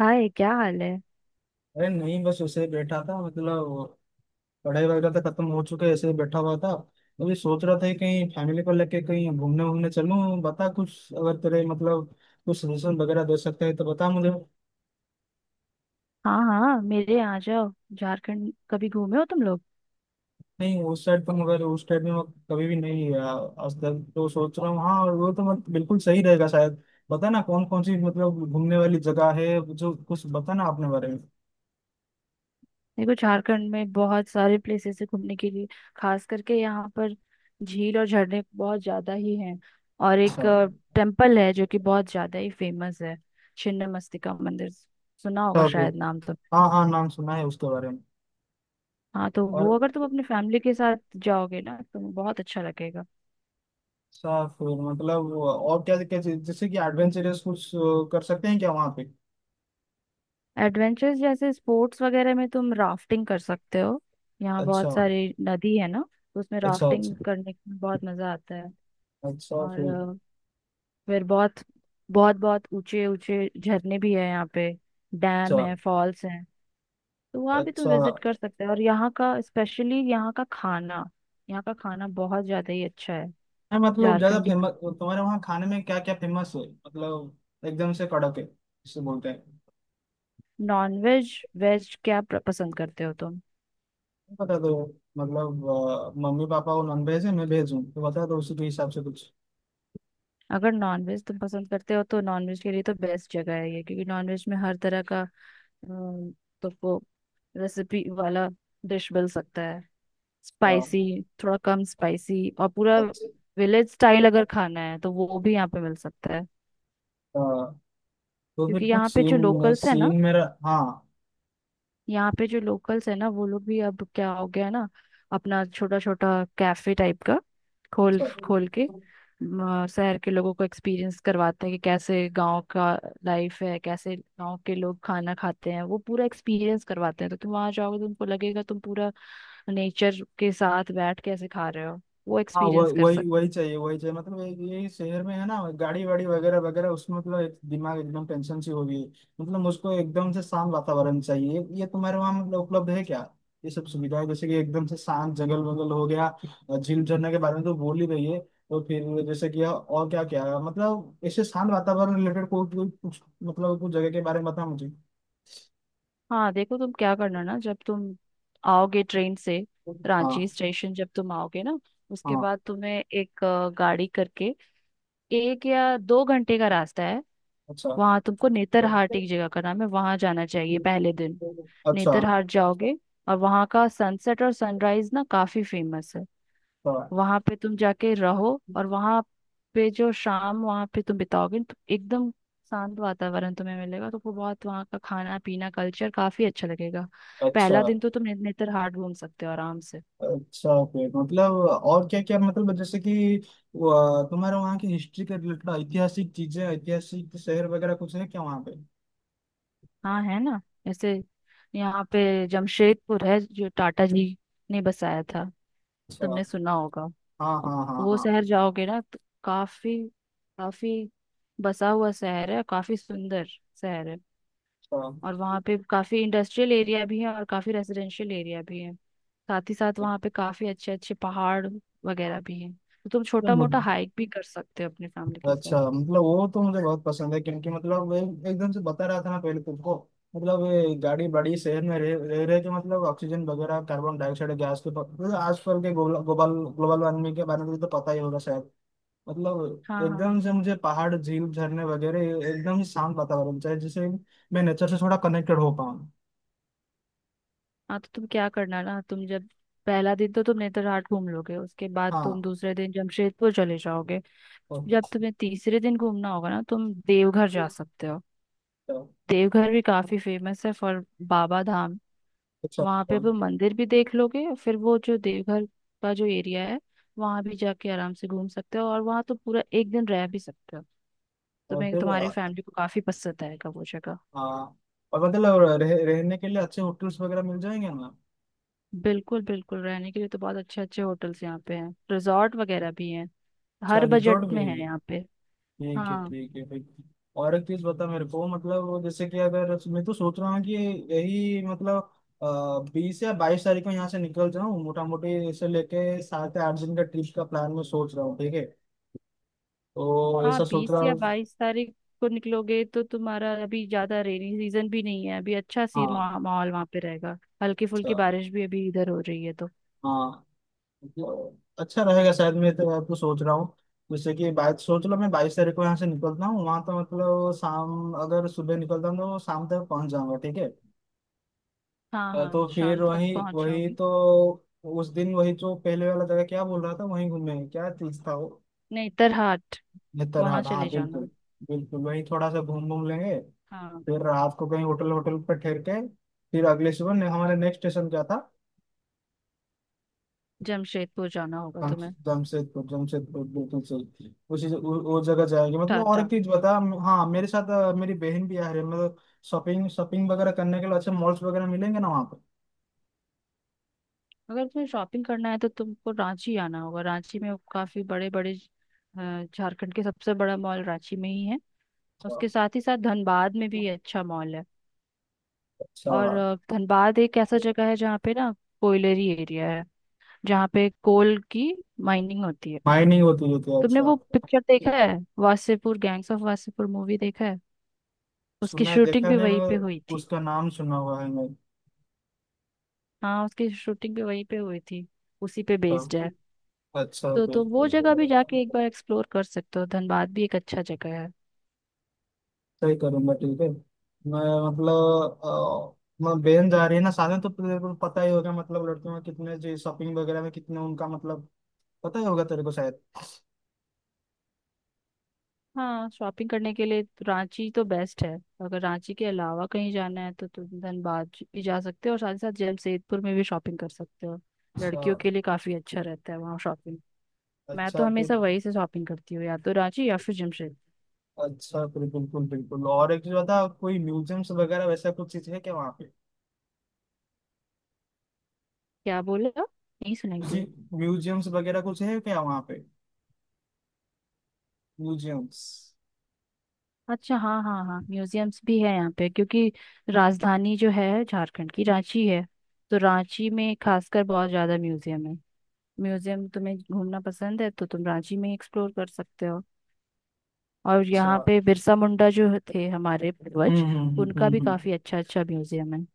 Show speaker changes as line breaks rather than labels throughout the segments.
हाय क्या हाल है।
अरे नहीं, बस ऐसे ही बैठा था मतलब। पढ़ाई वगैरह तो खत्म हो चुके, ऐसे ही बैठा हुआ था। अभी सोच रहा था कि कहीं फैमिली को लेके कहीं घूमने वूमने चलूं। बता, कुछ अगर तेरे मतलब, कुछ सजेशन वगैरह दे सकते हैं तो बता मुझे।
हाँ हाँ, मेरे यहाँ आ जाओ। झारखंड कभी घूमे हो तुम लोग?
नहीं, उस साइड तो, मगर उस साइड में मैं कभी भी नहीं गया आज तक। तो सोच रहा हूँ, हाँ, और वो तो मत बिल्कुल सही रहेगा शायद। बता ना कौन कौन सी मतलब घूमने वाली जगह है जो, कुछ बता ना अपने बारे में।
देखो, झारखंड में बहुत सारे प्लेसेस है घूमने के लिए। खास करके यहाँ पर झील और झरने बहुत ज्यादा ही हैं। और
अच्छा।
एक टेम्पल है जो कि बहुत ज्यादा ही फेमस है, छिन्न मस्तिका मंदिर। सुना होगा
अच्छा, फिर।
शायद नाम तो।
हाँ, हाँ, नाम सुना है उसके बारे में।
हाँ, तो
और
वो अगर तुम अपनी फैमिली के साथ जाओगे ना तो बहुत अच्छा लगेगा।
साफ रोड मतलब, और क्या क्या चीज जैसे कि एडवेंचरस कुछ कर सकते हैं क्या वहाँ पे?
एडवेंचर्स जैसे स्पोर्ट्स वगैरह में तुम राफ्टिंग कर सकते हो, यहाँ
अच्छा।
बहुत सारी नदी है ना, तो उसमें
अच्छा। अच्छा।
राफ्टिंग करने में बहुत मजा आता है।
अच्छा,
और
फिर।
अ, फिर बहुत बहुत बहुत ऊंचे ऊंचे झरने भी है यहाँ पे। डैम
अच्छा।
है, फॉल्स हैं। तो वहाँ भी तुम
अच्छा।
विजिट कर सकते हो, और यहाँ का स्पेशली यहाँ का खाना, यहाँ का खाना बहुत ज्यादा ही अच्छा है,
है मतलब ज्यादा
झारखंडी।
फेमस? तुम्हारे वहाँ खाने में क्या क्या फेमस है मतलब? एकदम से कड़क है जिसे बोलते हैं।
नॉन वेज वेज क्या पसंद करते हो तुम?
नहीं, बता दो। मतलब मम्मी पापा वो नॉन वेज है, मैं वेज हूँ, तो बता दो उसी के हिसाब से कुछ।
अगर नॉनवेज तुम पसंद करते हो तो नॉनवेज के लिए तो बेस्ट जगह है ये, क्योंकि नॉनवेज में हर तरह का हम्म, तो वो रेसिपी वाला डिश मिल सकता है।
अ,
स्पाइसी, थोड़ा कम स्पाइसी और पूरा
अच्छा।
विलेज स्टाइल अगर खाना है तो वो भी यहाँ पे मिल सकता है,
अ, तो
क्योंकि
फिर कुछ
यहाँ पे जो
सीन
लोकल्स है ना,
सीन मेरा? हाँ।
यहाँ पे जो लोकल्स है ना, वो लोग भी अब क्या हो गया है ना, अपना छोटा छोटा कैफे टाइप का खोल
Sorry।
खोल के शहर के लोगों को एक्सपीरियंस करवाते हैं कि कैसे गांव का लाइफ है, कैसे गांव के लोग खाना खाते हैं। वो पूरा एक्सपीरियंस करवाते हैं, तो तुम वहां जाओगे तो तुमको लगेगा तुम पूरा नेचर के साथ बैठ के ऐसे खा रहे हो। वो
हाँ,
एक्सपीरियंस कर
वही
सकते।
वही चाहिए, वही चाहिए मतलब। ये शहर में है ना, गाड़ी वाड़ी वगैरह वगैरह उसमें मतलब, एक दिमाग एकदम टेंशन सी हो गई। मतलब मुझको एकदम से शांत वातावरण चाहिए, ये तुम्हारे वहाँ मतलब उपलब्ध है क्या? ये सब सुविधाएं, जैसे कि एकदम से शांत जंगल वगल हो गया। और झील झरने के बारे में तो बोल ही रही है, तो फिर जैसे कि और क्या क्या है मतलब, ऐसे शांत वातावरण रिलेटेड कोई कोई कुछ मतलब, कुछ जगह के बारे में बता मुझे।
हाँ, देखो, तुम क्या करना ना, जब तुम आओगे ट्रेन से,
हाँ,
रांची स्टेशन जब तुम आओगे ना, उसके
हाँ।
बाद तुम्हें एक गाड़ी करके 1 या 2 घंटे का रास्ता है।
अच्छा
वहां तुमको
अच्छा।
नेतरहाट, एक जगह का नाम है, वहां जाना चाहिए पहले दिन।
अच्छा।
नेतरहाट जाओगे और वहां का सनसेट और सनराइज ना काफी फेमस है। वहां पे तुम जाके रहो, और वहां पे जो शाम वहां पे तुम बिताओगे तो एकदम शांत वातावरण तुम्हें मिलेगा, तो वो बहुत वहाँ का खाना पीना कल्चर काफी अच्छा लगेगा।
अच्छा।
पहला दिन तो तुम नेतरहाट घूम सकते हो आराम से।
अच्छा, फिर मतलब और क्या क्या मतलब, जैसे कि वो, तुम्हारे वहाँ की हिस्ट्री के रिलेटेड ऐतिहासिक चीजें, ऐतिहासिक शहर वगैरह कुछ है क्या वहाँ पे?
हाँ है ना, ऐसे यहाँ पे जमशेदपुर है जो टाटा जी ने बसाया था,
अच्छा।
तुमने सुना होगा।
हाँ, हाँ, हाँ,
वो
हाँ।
शहर जाओगे ना तो काफी काफी बसा हुआ शहर है, काफी सुंदर शहर है।
अच्छा।
और वहाँ पे काफी इंडस्ट्रियल एरिया भी है और काफी रेजिडेंशियल एरिया भी है। साथ ही साथ वहाँ पे काफी अच्छे अच्छे पहाड़ वगैरह भी हैं, तो तुम
तो
छोटा मोटा हाइक भी कर सकते हो अपनी फैमिली के साथ।
अच्छा मतलब वो तो मुझे बहुत पसंद है, क्योंकि मतलब एकदम से बता रहा था ना पहले तुमको। मतलब ये गाड़ी बड़ी शहर में रह रह रहे के मतलब, ऑक्सीजन वगैरह कार्बन डाइऑक्साइड गैस के मतलब आजकल के ग्लोबल ग्लोबल वार्मिंग के बारे में तो पता ही होगा शायद। मतलब
हाँ हाँ
एकदम से मुझे पहाड़ झील झरने वगैरह, एकदम ही शांत वातावरण चाहिए, जिससे मैं नेचर से थोड़ा कनेक्टेड हो पाऊँ।
हाँ, तो तुम क्या करना ना, तुम जब पहला दिन तो तुम नेतरहाट घूम लोगे, उसके बाद तुम
हाँ।
दूसरे दिन जमशेदपुर चले जाओगे।
ओके।
जब तुम्हें तीसरे दिन घूमना होगा ना, तुम देवघर जा सकते हो। देवघर भी काफी फेमस है फॉर बाबा धाम।
अच्छा।
वहां पे
अच्छा।
वो मंदिर भी देख लोगे, और फिर वो जो देवघर का जो एरिया है वहां भी जाके आराम से घूम सकते हो, और वहां तो पूरा एक दिन रह भी सकते हो। तो
और
मैं
फिर
तुम्हारी
आ,
फैमिली को काफी पसंद आएगा वो जगह।
आ, और मतलब रहने के लिए अच्छे होटल्स वगैरह मिल जाएंगे ना?
बिल्कुल बिल्कुल, रहने के लिए तो बहुत अच्छे अच्छे होटल्स यहाँ पे हैं, रिजॉर्ट वगैरह भी हैं।
अच्छा,
हर बजट
रिजॉर्ट भी?
में है यहाँ पे।
ठीक है,
हाँ
ठीक है, ठीक। और एक चीज बता मेरे को मतलब, वो जैसे कि अगर मैं तो सोच रहा हूँ कि यही मतलब 20 या 22 तारीख को यहाँ से निकल जाऊँ, मोटा मोटी इसे लेके 7 या 8 दिन का ट्रिप का प्लान मैं सोच रहा हूँ, ठीक है? तो
हाँ,
ऐसा सोच
बीस
रहा
या
हूँ।
बाईस तारीख को निकलोगे तो तुम्हारा अभी ज्यादा रेनी सीजन भी नहीं है, अभी अच्छा सी
हाँ।
माहौल वहां पे रहेगा। हल्की
अच्छा।
फुल्की बारिश भी अभी इधर हो रही है तो।
हाँ। मतलब अच्छा रहेगा शायद, मैं तो आपको सोच रहा हूँ जैसे कि 22, सोच लो मैं 22 तारीख को यहाँ से निकलता हूँ, वहाँ तो मतलब शाम, अगर सुबह निकलता हूँ तो शाम तक पहुँच जाऊँगा, ठीक है?
हाँ हाँ,
तो फिर
शाम तक
वही
पहुंच
वही
जाओगी।
तो, उस दिन वही जो पहले वाला जगह क्या बोल रहा था वहीं घूमेंगे, क्या चीज था वो?
नहीं तरहाट। वहां
नेतरहाट, हाँ
चले
बिल्कुल।
जाना।
बिल्कुल वही, थोड़ा सा घूम घूम लेंगे।
हाँ,
फिर रात को कहीं होटल होटल पर ठहर के, फिर अगले सुबह हमारे नेक्स्ट स्टेशन क्या था?
जमशेदपुर जाना होगा
हम।
तुम्हें।
जमशेदपुर, जमशेदपुर बिल्कुल सही, उसी वो जगह जाएंगे मतलब। और एक
टाटा।
चीज बता, हाँ, मेरे साथ मेरी बहन भी आ रही है मतलब। शॉपिंग शॉपिंग वगैरह करने के लिए अच्छे मॉल्स वगैरह मिलेंगे ना वहाँ पर?
अगर तुम्हें शॉपिंग करना है तो तुमको रांची आना होगा। रांची में काफी बड़े बड़े झारखंड के सबसे बड़ा मॉल रांची में ही है।
अच्छा।
उसके साथ ही साथ धनबाद में भी अच्छा मॉल है।
अच्छा।
और धनबाद एक ऐसा जगह है जहाँ पे ना कोयलरी एरिया है, जहाँ पे कोल की माइनिंग होती है।
माइनिंग होती रहती है,
तुमने वो
अच्छा।
पिक्चर देखा है, Wasseypur, gangs of Wasseypur movie देखा है? उसकी
सुना है,
शूटिंग
देखा
भी
नहीं,
वहीं पे हुई
मगर
थी।
उसका नाम सुना हुआ है मैं।
हाँ, उसकी शूटिंग भी वहीं पे हुई थी, उसी पे
तो,
बेस्ड है।
अच्छा
तो वो जगह भी
फिर।
जाके एक बार एक्सप्लोर कर सकते हो, धनबाद भी एक अच्छा जगह है।
सही करूंगा, ठीक है। मैं मतलब मैं बहन जा रही है ना, साधन तो तेरे को पता ही होगा मतलब लड़कियों में कितने जो शॉपिंग वगैरह में कितने उनका मतलब, पता ही होगा तेरे को शायद।
हाँ, शॉपिंग करने के लिए तो रांची तो बेस्ट है। अगर रांची के अलावा कहीं जाना है तो तुम धनबाद भी जा सकते हो, और साथ ही साथ जमशेदपुर में भी शॉपिंग कर सकते हो।
अच्छा।
लड़कियों के लिए काफी अच्छा रहता है वहाँ शॉपिंग। मैं तो
अच्छा फिर।
हमेशा वहीं से शॉपिंग करती हूँ, या तो रांची या फिर जमशेदपुर।
अच्छा फिर, बिल्कुल बिल्कुल। और एक चीज बता, कोई म्यूजियम्स वगैरह वैसा कुछ चीज है क्या वहाँ पे?
क्या बोले आप? नहीं सुनाई
जी।
दिया।
म्यूजियम्स वगैरह कुछ है क्या वहाँ पे? म्यूजियम्स।
अच्छा, हाँ हाँ हाँ, म्यूजियम्स भी है यहाँ पे, क्योंकि राजधानी जो है झारखंड की, रांची है। तो रांची में खासकर बहुत ज्यादा म्यूजियम है। म्यूजियम तुम्हें घूमना पसंद है तो तुम रांची में एक्सप्लोर कर सकते हो। और
अच्छा।
यहाँ पे बिरसा मुंडा जो थे हमारे
हम्म,
पूर्वज,
हम्म, हम्म,
उनका भी
हम्म, हम्म।
काफी अच्छा अच्छा म्यूजियम है,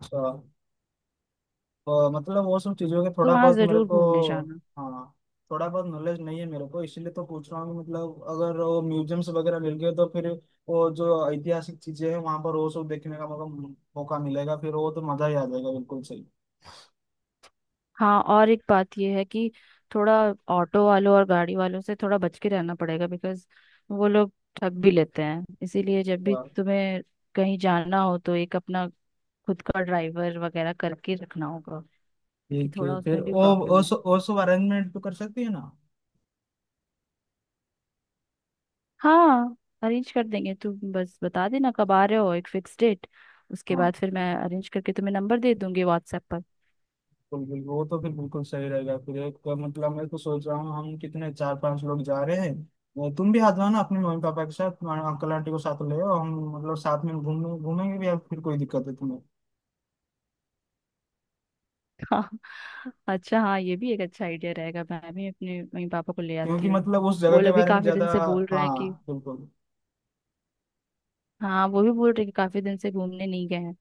अच्छा। तो मतलब वो सब चीजों के
तो
थोड़ा
वहाँ
बहुत मेरे
जरूर
को,
घूमने जाना।
हाँ, थोड़ा बहुत नॉलेज नहीं है मेरे को, इसीलिए तो पूछ रहा हूँ। मतलब अगर वो म्यूजियम्स वगैरह मिल गए तो फिर वो जो ऐतिहासिक चीजें हैं वहां पर वो सब देखने का मौका मौका मिलेगा, फिर वो तो मजा ही आ जाएगा बिल्कुल सही।
हाँ, और एक बात ये है कि थोड़ा ऑटो वालों और गाड़ी वालों से थोड़ा बच के रहना पड़ेगा, बिकॉज वो लोग ठग भी लेते हैं। इसीलिए जब भी
हाँ।
तुम्हें कहीं जाना हो तो एक अपना खुद का ड्राइवर वगैरह करके रखना होगा, क्योंकि
ठीक है
थोड़ा
फिर।
उसमें भी
ओ
प्रॉब्लम है।
ओ सो अरेंजमेंट तो कर सकती है ना?
हाँ, अरेंज कर देंगे। तू बस बता देना कब आ रहे हो, एक फिक्स डेट। उसके
हाँ,
बाद फिर मैं अरेंज करके तुम्हें नंबर दे दूंगी व्हाट्सएप पर।
बिल्कुल बिल्कुल, वो तो फिर बिल्कुल सही रहेगा फिर। एक का मतलब, मैं तो सोच रहा हूँ हम कितने 4 5 लोग जा रहे हैं, तुम भी आ जाओ ना अपने मम्मी पापा के साथ, तुम्हारे अंकल आंटी को साथ ले आओ, हम मतलब साथ में घूमने घूमेंगे भी, या फिर कोई दिक्कत है तुम्हें?
हाँ, अच्छा, हाँ ये भी एक अच्छा आइडिया रहेगा, मैं भी अपने मम्मी पापा को ले आती
क्योंकि
हूँ।
मतलब उस जगह
वो
के
लोग भी
बारे में
काफी दिन
ज्यादा,
से बोल रहे हैं कि,
हाँ बिल्कुल।
हाँ वो भी बोल रहे हैं कि काफी दिन से घूमने नहीं गए हैं।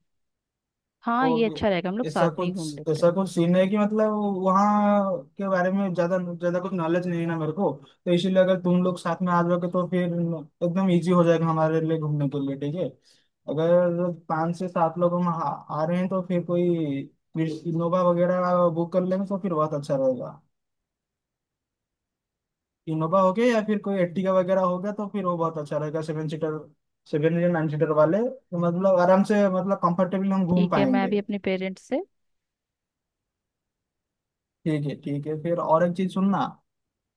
हाँ, ये
और
अच्छा रहेगा, हम लोग
ऐसा
साथ में ही घूम
कुछ
लेते हैं।
ऐसा कुछ सीन है कि मतलब, वहाँ के बारे में ज्यादा ज्यादा कुछ नॉलेज नहीं है ना मेरे को, तो इसीलिए अगर तुम लोग साथ में आ जाओगे तो फिर एकदम इजी हो जाएगा हमारे लिए घूमने के लिए, ठीक है। अगर 5 से 7 लोग हम आ रहे हैं तो फिर कोई, फिर इनोवा वगैरह बुक कर लेंगे तो फिर बहुत अच्छा रहेगा। इनोवा हो गया या फिर कोई एट्टिका वगैरह हो गया तो फिर वो बहुत अच्छा रहेगा, 7 सीटर। सेवन या 9 सीटर वाले तो मतलब आराम से मतलब कंफर्टेबली हम घूम
ठीक है, मैं
पाएंगे।
भी अपने पेरेंट्स से।
ठीक है, ठीक है फिर। और एक चीज सुनना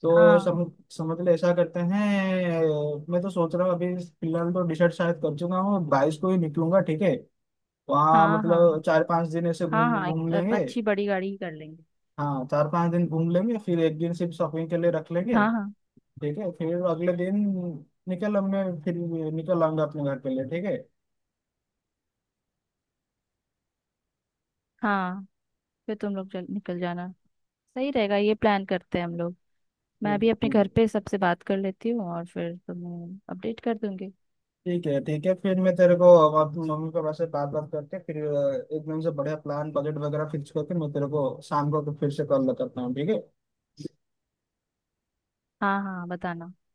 तो,
हाँ
समझ ले ऐसा करते हैं, मैं तो सोच रहा हूँ अभी फिलहाल तो डिसाइड शायद कर चुका हूँ, 22 को ही निकलूंगा, ठीक है। वहाँ
हाँ हाँ
मतलब 4 5 दिन ऐसे
हाँ
घूम
हाँ,
घूम
एक
लेंगे।
अच्छी बड़ी गाड़ी ही कर लेंगे।
हाँ, 4 5 दिन घूम लेंगे, फिर एक दिन सिर्फ शॉपिंग के लिए रख लेंगे।
हाँ हाँ
ठीक है फिर अगले दिन निकल, मैं फिर निकल आऊंगा अपने घर के लिए, ठीक है।
हाँ, फिर तुम लोग चल निकल जाना। सही रहेगा, ये प्लान करते हैं हम लोग। मैं
ठीक है।
भी अपने
ठीक
घर
है।
पे सबसे बात कर लेती हूँ और फिर तुम्हें अपडेट कर दूंगी।
ठीक है। ठीक है। फिर मैं तेरे को अब अपनी मम्मी पापा से बात बात करके, फिर एकदम से बढ़िया प्लान बजट वगैरह फिक्स करके मैं तेरे को शाम को फिर से कॉल करता हूँ, ठीक है।
हाँ हाँ, बताना।